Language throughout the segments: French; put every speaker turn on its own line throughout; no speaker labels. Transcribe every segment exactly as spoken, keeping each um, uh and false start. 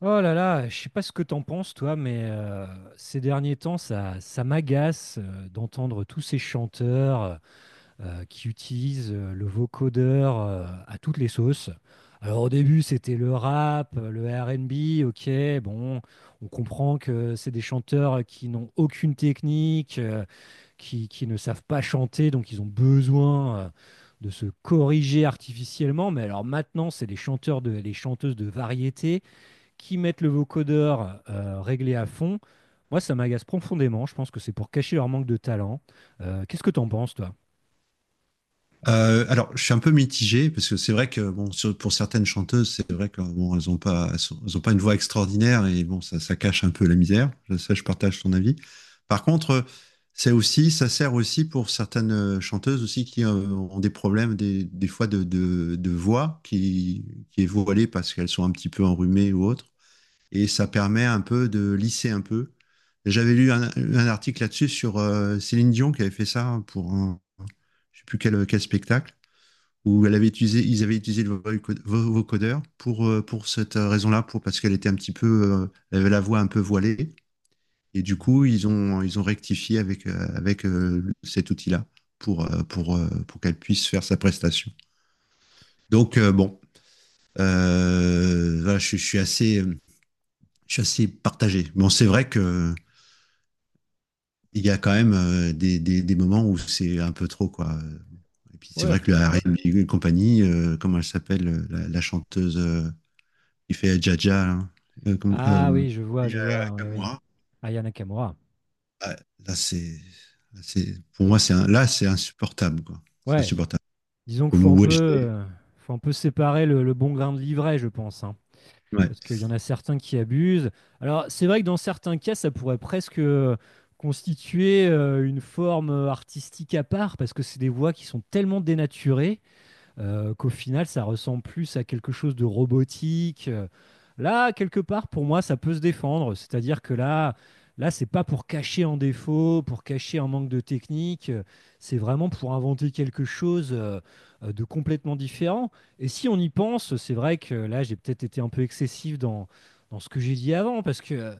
Oh là là, je sais pas ce que t'en penses toi, mais euh, ces derniers temps, ça, ça m'agace, euh, d'entendre tous ces chanteurs euh, qui utilisent euh, le vocodeur, euh, à toutes les sauces. Alors au début, c'était le rap, euh, le R N B. Ok, bon, on comprend que c'est des chanteurs qui n'ont aucune technique, euh, qui, qui ne savent pas chanter, donc ils ont besoin, euh, de se corriger artificiellement. Mais alors maintenant, c'est les chanteurs de, les chanteuses de variété qui mettent le vocodeur euh, réglé à fond. Moi, ça m'agace profondément. Je pense que c'est pour cacher leur manque de talent. Euh, Qu'est-ce que t'en penses, toi?
Euh, alors, je suis un peu mitigé parce que c'est vrai que bon, sur- pour certaines chanteuses, c'est vrai que bon, elles ont pas, elles sont- elles ont pas une voix extraordinaire et bon, ça, ça cache un peu la misère. Ça, je partage ton avis. Par contre, euh, c'est aussi, ça sert aussi pour certaines euh, chanteuses aussi qui euh, ont des problèmes des, des fois de, de, de voix qui, qui est voilée parce qu'elles sont un petit peu enrhumées ou autre et ça permet un peu de lisser un peu. J'avais lu un, un article là-dessus sur euh, Céline Dion qui avait fait ça pour un, je sais plus quel, quel spectacle où elle avait utilisé, ils avaient utilisé le voco- vo- vocodeur pour, euh, pour cette raison-là, pour, parce qu'elle était un petit peu, euh, elle avait la voix un peu voilée. Et du coup, ils ont, ils ont rectifié avec, euh, avec euh, cet outil-là pour, euh, pour, euh, pour qu'elle puisse faire sa prestation. Donc, euh, bon, euh, voilà, je, je, suis assez, je suis assez partagé. Bon, c'est vrai que il y a quand même euh, des, des, des moments où c'est un peu trop, quoi. Et puis c'est
Ouais.
vrai que le R M et compagnie, euh, comment elle s'appelle, euh, la, la chanteuse euh, qui fait Jaja, là, euh, comme-
Ah
euh,
oui, je vois,
il y
je
a
vois. Oui, oui.
Kamura.
Aya Nakamura.
Ah, Là, c'est, c'est- pour moi, c'est un- là, c'est insupportable, quoi. C'est
Ouais,
insupportable.
disons qu'il
Comme
faut un
où
peu,
j'étais.
euh, faut un peu séparer le, le bon grain de l'ivraie, je pense, hein. Parce qu'il y en a certains qui abusent. Alors, c'est vrai que dans certains cas, ça pourrait presque euh, constituer euh, une forme euh, artistique à part, parce que c'est des voix qui sont tellement dénaturées euh, qu'au final, ça ressemble plus à quelque chose de robotique. Euh, Là, quelque part, pour moi, ça peut se défendre. C'est-à-dire que là, là, c'est pas pour cacher un défaut, pour cacher un manque de technique. euh, C'est vraiment pour inventer quelque chose euh, euh, de complètement différent. Et si on y pense, c'est vrai que là, j'ai peut-être été un peu excessif dans, dans ce que j'ai dit avant, parce que euh,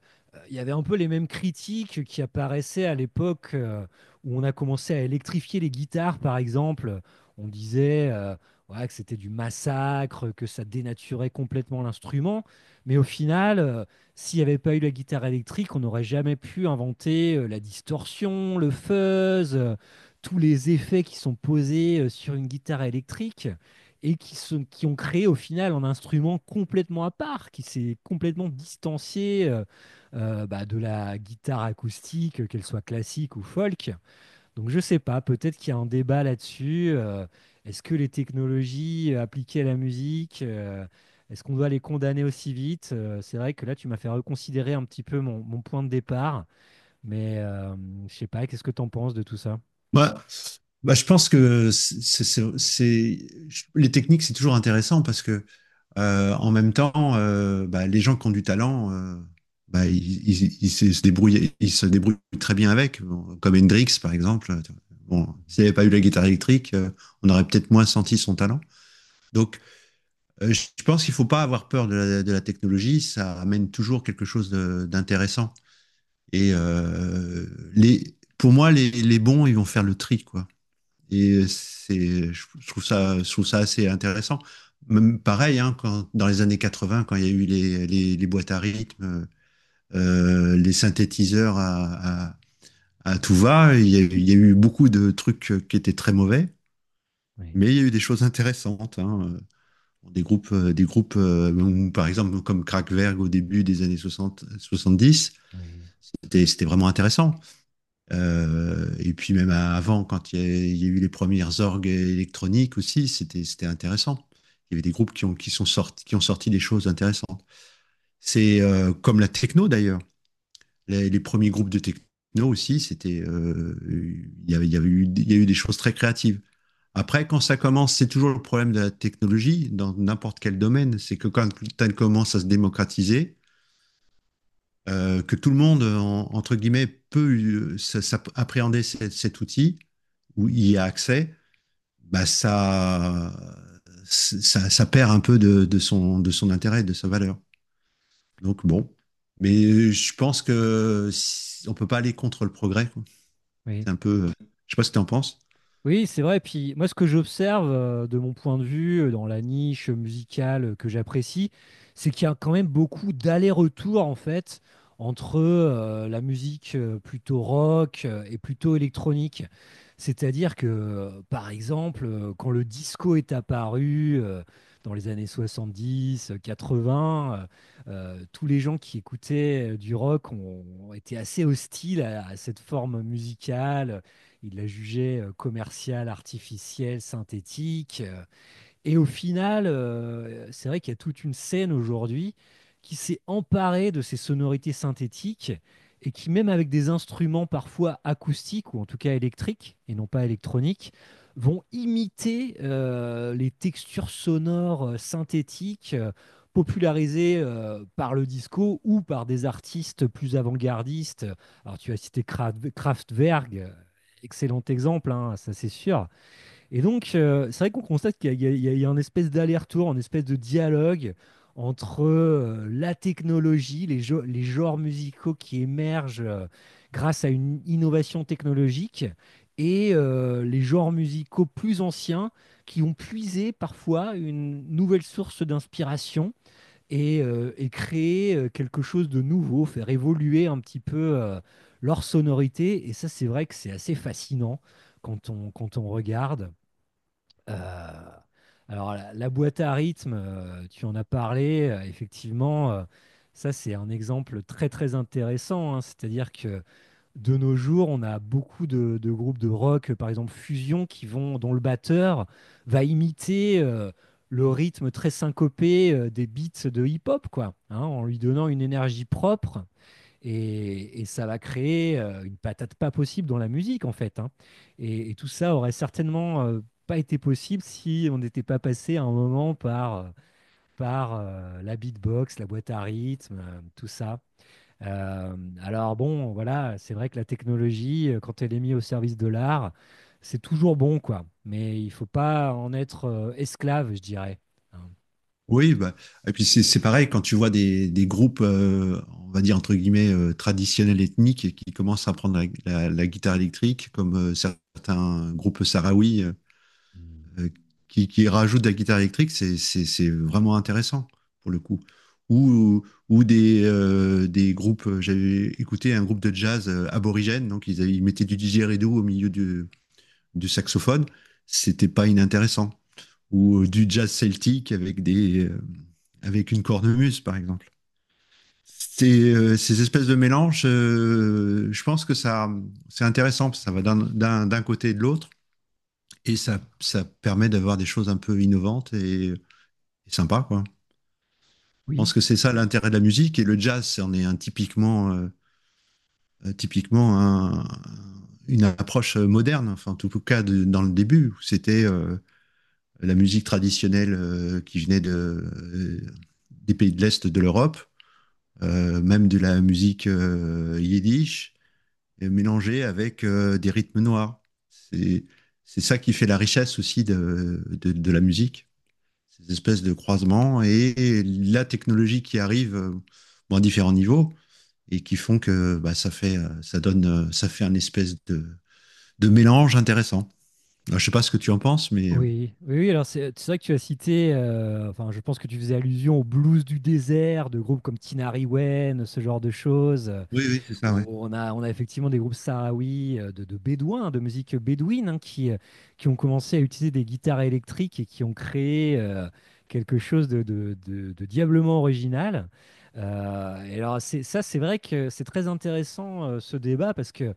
il y avait un peu les mêmes critiques qui apparaissaient à l'époque euh, où on a commencé à électrifier les guitares, par exemple. On disait, euh, ouais, que c'était du massacre, que ça dénaturait complètement l'instrument. Mais au final, euh, s'il n'y avait pas eu la guitare électrique, on n'aurait jamais pu inventer euh, la distorsion, le fuzz, euh, tous les effets qui sont posés euh, sur une guitare électrique et qui, sont- qui ont créé au final un instrument complètement à part, qui s'est complètement distancié, euh, euh, bah, de la guitare acoustique, qu'elle soit classique ou folk. Donc je sais pas, peut-être qu'il y a un débat là-dessus. Euh, est-ce que les technologies euh, appliquées à la musique, euh, est-ce qu'on doit les condamner aussi vite? Euh, c'est vrai que là, tu m'as fait reconsidérer un petit peu mon, mon point de départ, mais euh, je sais pas, qu'est-ce que tu en penses de tout ça?
Bah, bah, je pense que c'est, c'est- c'est- je- les techniques, c'est toujours intéressant parce que euh, en même temps, euh, bah, les gens qui ont du talent, euh, bah, ils, ils- ils se se débrouillent, ils se débrouillent très bien avec. Bon, comme Hendrix par exemple. euh, Bon,
Mhm.
s'il n'avait pas eu la guitare électrique, euh, on aurait peut-être moins senti son talent. Donc, euh, je je pense qu'il faut pas avoir peur de la, de la technologie, ça amène toujours quelque chose de- d'intéressant. Et euh, les, pour moi, les, les bons, ils vont faire le tri, quoi. Et c'est, je je trouve ça, je trouve ça assez intéressant. Même pareil, hein, quand, dans les années quatre-vingts, quand il y a eu les, les, les boîtes à rythme, euh, les synthétiseurs à, à, à tout va, il y, a, eu il y a eu beaucoup de trucs qui étaient très mauvais,
Oui,
mais il y a eu des choses intéressantes, hein. Euh, Des groupes, euh, des groupes euh, où, par exemple, comme Kraftwerk au début des années soixante, soixante-dix,
oui,
c'était c'était vraiment intéressant. Euh, et puis même avant, quand il y, a il y a eu les premières orgues électroniques aussi, c'était c'était intéressant. Il y avait des groupes qui ont qui sont sortis qui ont sorti des choses intéressantes. C'est euh, comme la techno d'ailleurs. Les, les premiers groupes de techno aussi, c'était euh, il y avait il y avait eu il y a eu des choses très créatives. Après, quand ça commence, c'est toujours le problème de la technologie dans n'importe quel domaine. C'est que quand elle commence à se démocratiser, euh, que tout le monde, en- entre guillemets, peut euh, s'a- s'a- appréhender cet, cet outil, où
oui.
il y a accès, bah ça, ça, ça perd un peu de, de son, de son intérêt, de sa valeur. Donc bon, mais je pense que si- on peut pas aller contre le progrès, quoi.
Oui.
C'est un peu, euh, je sais pas ce que tu en penses.
Oui, c'est vrai. Puis moi, ce que j'observe euh, de mon point de vue, euh, dans la niche musicale euh, que j'apprécie, c'est qu'il y a quand même beaucoup d'allers-retours en fait entre euh, la musique euh, plutôt rock euh, et plutôt électronique. C'est-à-dire que, euh, par exemple, euh, quand le disco est apparu, euh, dans les années soixante-dix, euh, quatre-vingts, euh, euh, tous les gens qui écoutaient euh, du rock ont, ont été assez hostiles à à cette forme musicale. Il la jugeait euh, commerciale, artificielle, synthétique. Euh, et au final, euh, c'est vrai qu'il y a toute une scène aujourd'hui qui s'est emparée de ces sonorités synthétiques et qui, même avec des instruments parfois acoustiques ou en tout cas électriques et non pas électroniques, vont imiter euh, les textures sonores euh, synthétiques euh, popularisées euh, par le disco ou par des artistes plus avant-gardistes. Alors tu as cité Kra- Kraftwerk. Euh, excellent exemple, hein, ça c'est sûr. Et donc, euh, c'est vrai qu'on constate qu'il y, a- il y a il y a un espèce d'aller-retour, un espèce de dialogue entre euh, la technologie, les, jo- les genres musicaux qui émergent euh, grâce à une innovation technologique, et euh, les genres musicaux plus anciens qui ont puisé parfois une nouvelle source d'inspiration et, euh, et créé euh, quelque chose de nouveau, faire évoluer un petit peu euh, leur sonorité. Et ça, c'est vrai que c'est assez fascinant quand on, quand on regarde. Euh, alors, la, la boîte à rythme, euh, tu en as parlé, euh, effectivement, euh, ça c'est un exemple très très intéressant, hein. C'est-à-dire que de nos jours, on a beaucoup de, de groupes de rock, euh, par exemple Fusion, qui vont, dont le batteur va imiter euh, le rythme très syncopé euh, des beats de hip-hop, quoi, hein, en lui donnant une énergie propre. Et, et ça va créer euh, une patate pas possible dans la musique, en fait, hein. Et, et tout ça aurait certainement euh, pas été possible si on n'était pas passé à un moment par, euh, par euh, la beatbox, la boîte à rythme, euh, tout ça. Euh, alors bon, voilà, c'est vrai que la technologie, euh, quand elle est mise au service de l'art, c'est toujours bon, quoi. Mais il faut pas en être euh, esclave, je dirais, hein.
Oui, bah, et puis c'est c'est pareil quand tu vois des, des groupes, euh, on va dire entre guillemets, euh, traditionnels ethniques et qui commencent à prendre la, la- la guitare électrique, comme euh, certains groupes sahraouis euh,
Mm.
euh, qui, qui rajoutent de la guitare électrique, c'est c'est- c'est vraiment intéressant pour le coup. Ou, ou des, euh, des groupes, euh, j'avais écouté un groupe de jazz euh, aborigène, donc ils, avaient- ils mettaient du didgeridoo au milieu du, du saxophone, c'était pas inintéressant, ou euh, du jazz celtique avec des euh, avec une cornemuse par exemple. Ces, euh, ces espèces de mélanges, euh, je pense que ça c'est intéressant parce que ça va d'un- d'un d'un côté et de l'autre et ça ça permet d'avoir des choses un peu innovantes et, et sympas, quoi. Je pense
Oui.
que c'est ça l'intérêt de la musique, et le jazz c'en est un typiquement euh, typiquement un- une approche moderne, enfin en tout cas de- dans le début c'était euh, la musique traditionnelle euh, qui venait de, euh, des pays de l'Est de l'Europe, euh, même de la musique euh, yiddish, et mélangée avec euh, des rythmes noirs. C'est c'est ça qui fait la richesse aussi de, de, de, la musique, ces espèces de croisements et la technologie qui arrive euh, bon, à différents niveaux et qui font que bah, ça fait euh, ça donne euh, ça fait un espèce de, de mélange intéressant. Alors, je ne sais pas ce que tu en penses, mais
Oui, oui, oui, alors c'est c'est vrai que tu as cité, euh, enfin je pense que tu faisais allusion aux blues du désert, de groupes comme Tinari Wen, ce genre de choses, euh,
oui oui c'est ça, ouais.
où on a, on a effectivement des groupes sahraouis, euh, de, de bédouins, de musique bédouine, hein, qui, euh, qui ont commencé à utiliser des guitares électriques et qui ont créé euh, quelque chose de, de, de- de diablement original. Euh, et alors c'est- ça c'est vrai que c'est très intéressant euh, ce débat parce que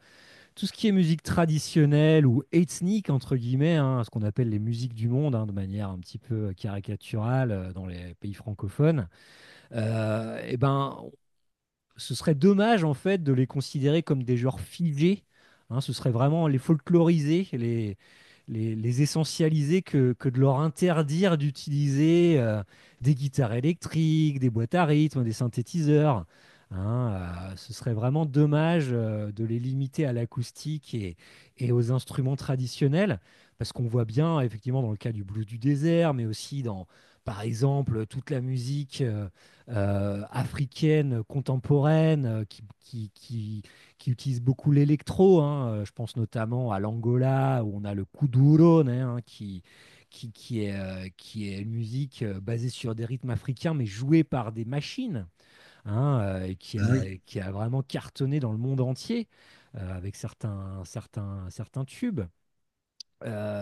tout ce qui est musique traditionnelle ou ethnique, entre guillemets, hein, ce qu'on appelle les musiques du monde, hein, de manière un petit peu caricaturale euh, dans les pays francophones, euh, eh ben, ce serait dommage en fait de les considérer comme des joueurs figés, hein. Ce serait vraiment les folkloriser, les, les, les essentialiser que, que de leur interdire d'utiliser euh, des guitares électriques, des boîtes à rythme, des synthétiseurs, hein. Euh, ce serait vraiment dommage euh, de les limiter à l'acoustique et, et aux instruments traditionnels, parce qu'on voit bien effectivement dans le cas du blues du désert, mais aussi dans, par exemple, toute la musique. Euh, euh, africaine contemporaine, euh, qui, qui, qui- qui utilise beaucoup l'électro, hein. Euh, Je pense notamment à l'Angola où on a le kuduro, hein, qui, qui, qui est, euh, qui est une musique euh, basée sur des rythmes africains mais jouée par des machines, hein, euh, et qui
Ah,
a,
oui.
qui a vraiment cartonné dans le monde entier euh, avec certains, certains, certains tubes.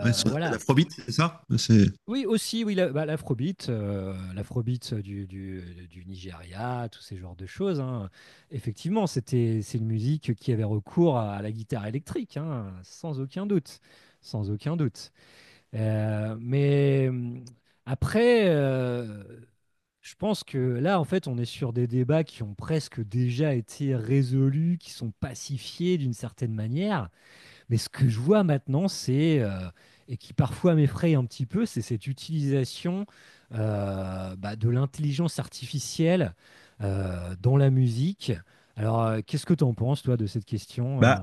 Ouais, ce qu'on
Voilà.
Afrobeat, c'est ça. C'est-
Oui, aussi, oui, la- bah, l'afrobeat, euh, l'afrobeat du, du, du Nigeria, tous ces genres de choses, hein. Effectivement, c'était, c'est une musique qui avait recours à la guitare électrique, hein, sans aucun doute, sans aucun doute. Euh, mais hum, après, euh, je pense que là, en fait, on est sur des débats qui ont presque déjà été résolus, qui sont pacifiés d'une certaine manière. Mais ce que je vois maintenant, c'est, euh, et qui parfois m'effraie un petit peu, c'est cette utilisation euh, bah, de l'intelligence artificielle euh, dans la musique. Alors, euh, qu'est-ce que tu en penses, toi, de cette question? euh
Bah,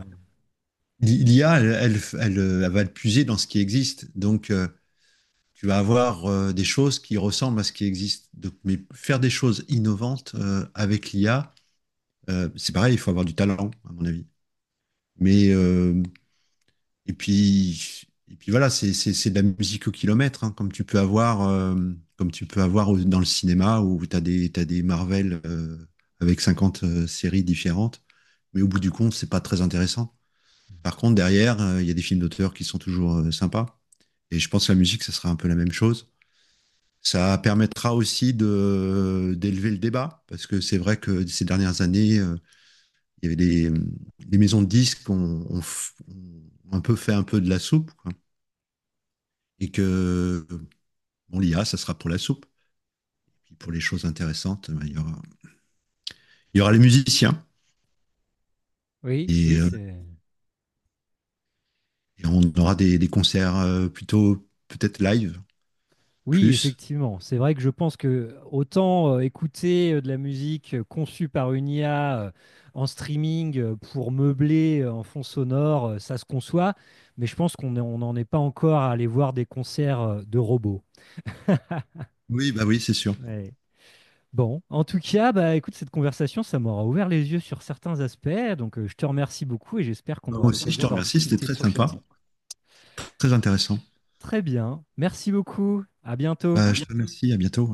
l'I A, elle, elle, elle- elle va le puiser dans ce qui existe. Donc, euh, tu vas avoir euh, des choses qui ressemblent à ce qui existe. Donc, mais faire des choses innovantes euh, avec l'I A, euh, c'est pareil, il faut avoir du talent, à mon avis. Mais, euh, et puis, et puis voilà, c'est c'est- c'est de la musique au kilomètre, hein, comme tu peux avoir, euh, comme tu peux avoir au- dans le cinéma où tu as des, t'as des Marvel euh, avec cinquante euh, séries différentes. Mais au bout du compte, c'est pas très intéressant. Par contre, derrière, euh, il y a des films d'auteur qui sont toujours euh, sympas. Et je pense que la musique, ça sera un peu la même chose. Ça permettra aussi de d'élever le débat, parce que c'est vrai que ces dernières années, euh, il y avait des, des maisons de disques ont, ont f- ont un peu fait un peu de la soupe, quoi, et que bon, l'I A, ça sera pour la soupe. Puis pour les choses intéressantes, ben, il, y aura, il y aura les musiciens,
Oui,
et,
oui,
euh,
c'est.
et on aura des, des concerts euh, plutôt peut-être live,
Oui,
plus.
effectivement. C'est vrai que je pense que autant euh, écouter euh, de la musique euh, conçue par une I A, euh, en streaming, euh, pour meubler euh, en fond sonore, euh, ça se conçoit, mais je pense qu'on est- on n'en est pas encore à aller voir des concerts euh, de robots.
Oui, bah oui, c'est sûr.
Ouais. Bon, en tout cas, bah écoute, cette conversation, ça m'aura ouvert les yeux sur certains aspects, donc euh, je te remercie beaucoup et j'espère qu'on
Bah, moi
aura
aussi, je
l'occasion
te
d'en
remercie, c'était
rediscuter
très sympa,
prochainement.
très intéressant.
Très bien, merci beaucoup, à bientôt.
Bah, je te remercie, à bientôt.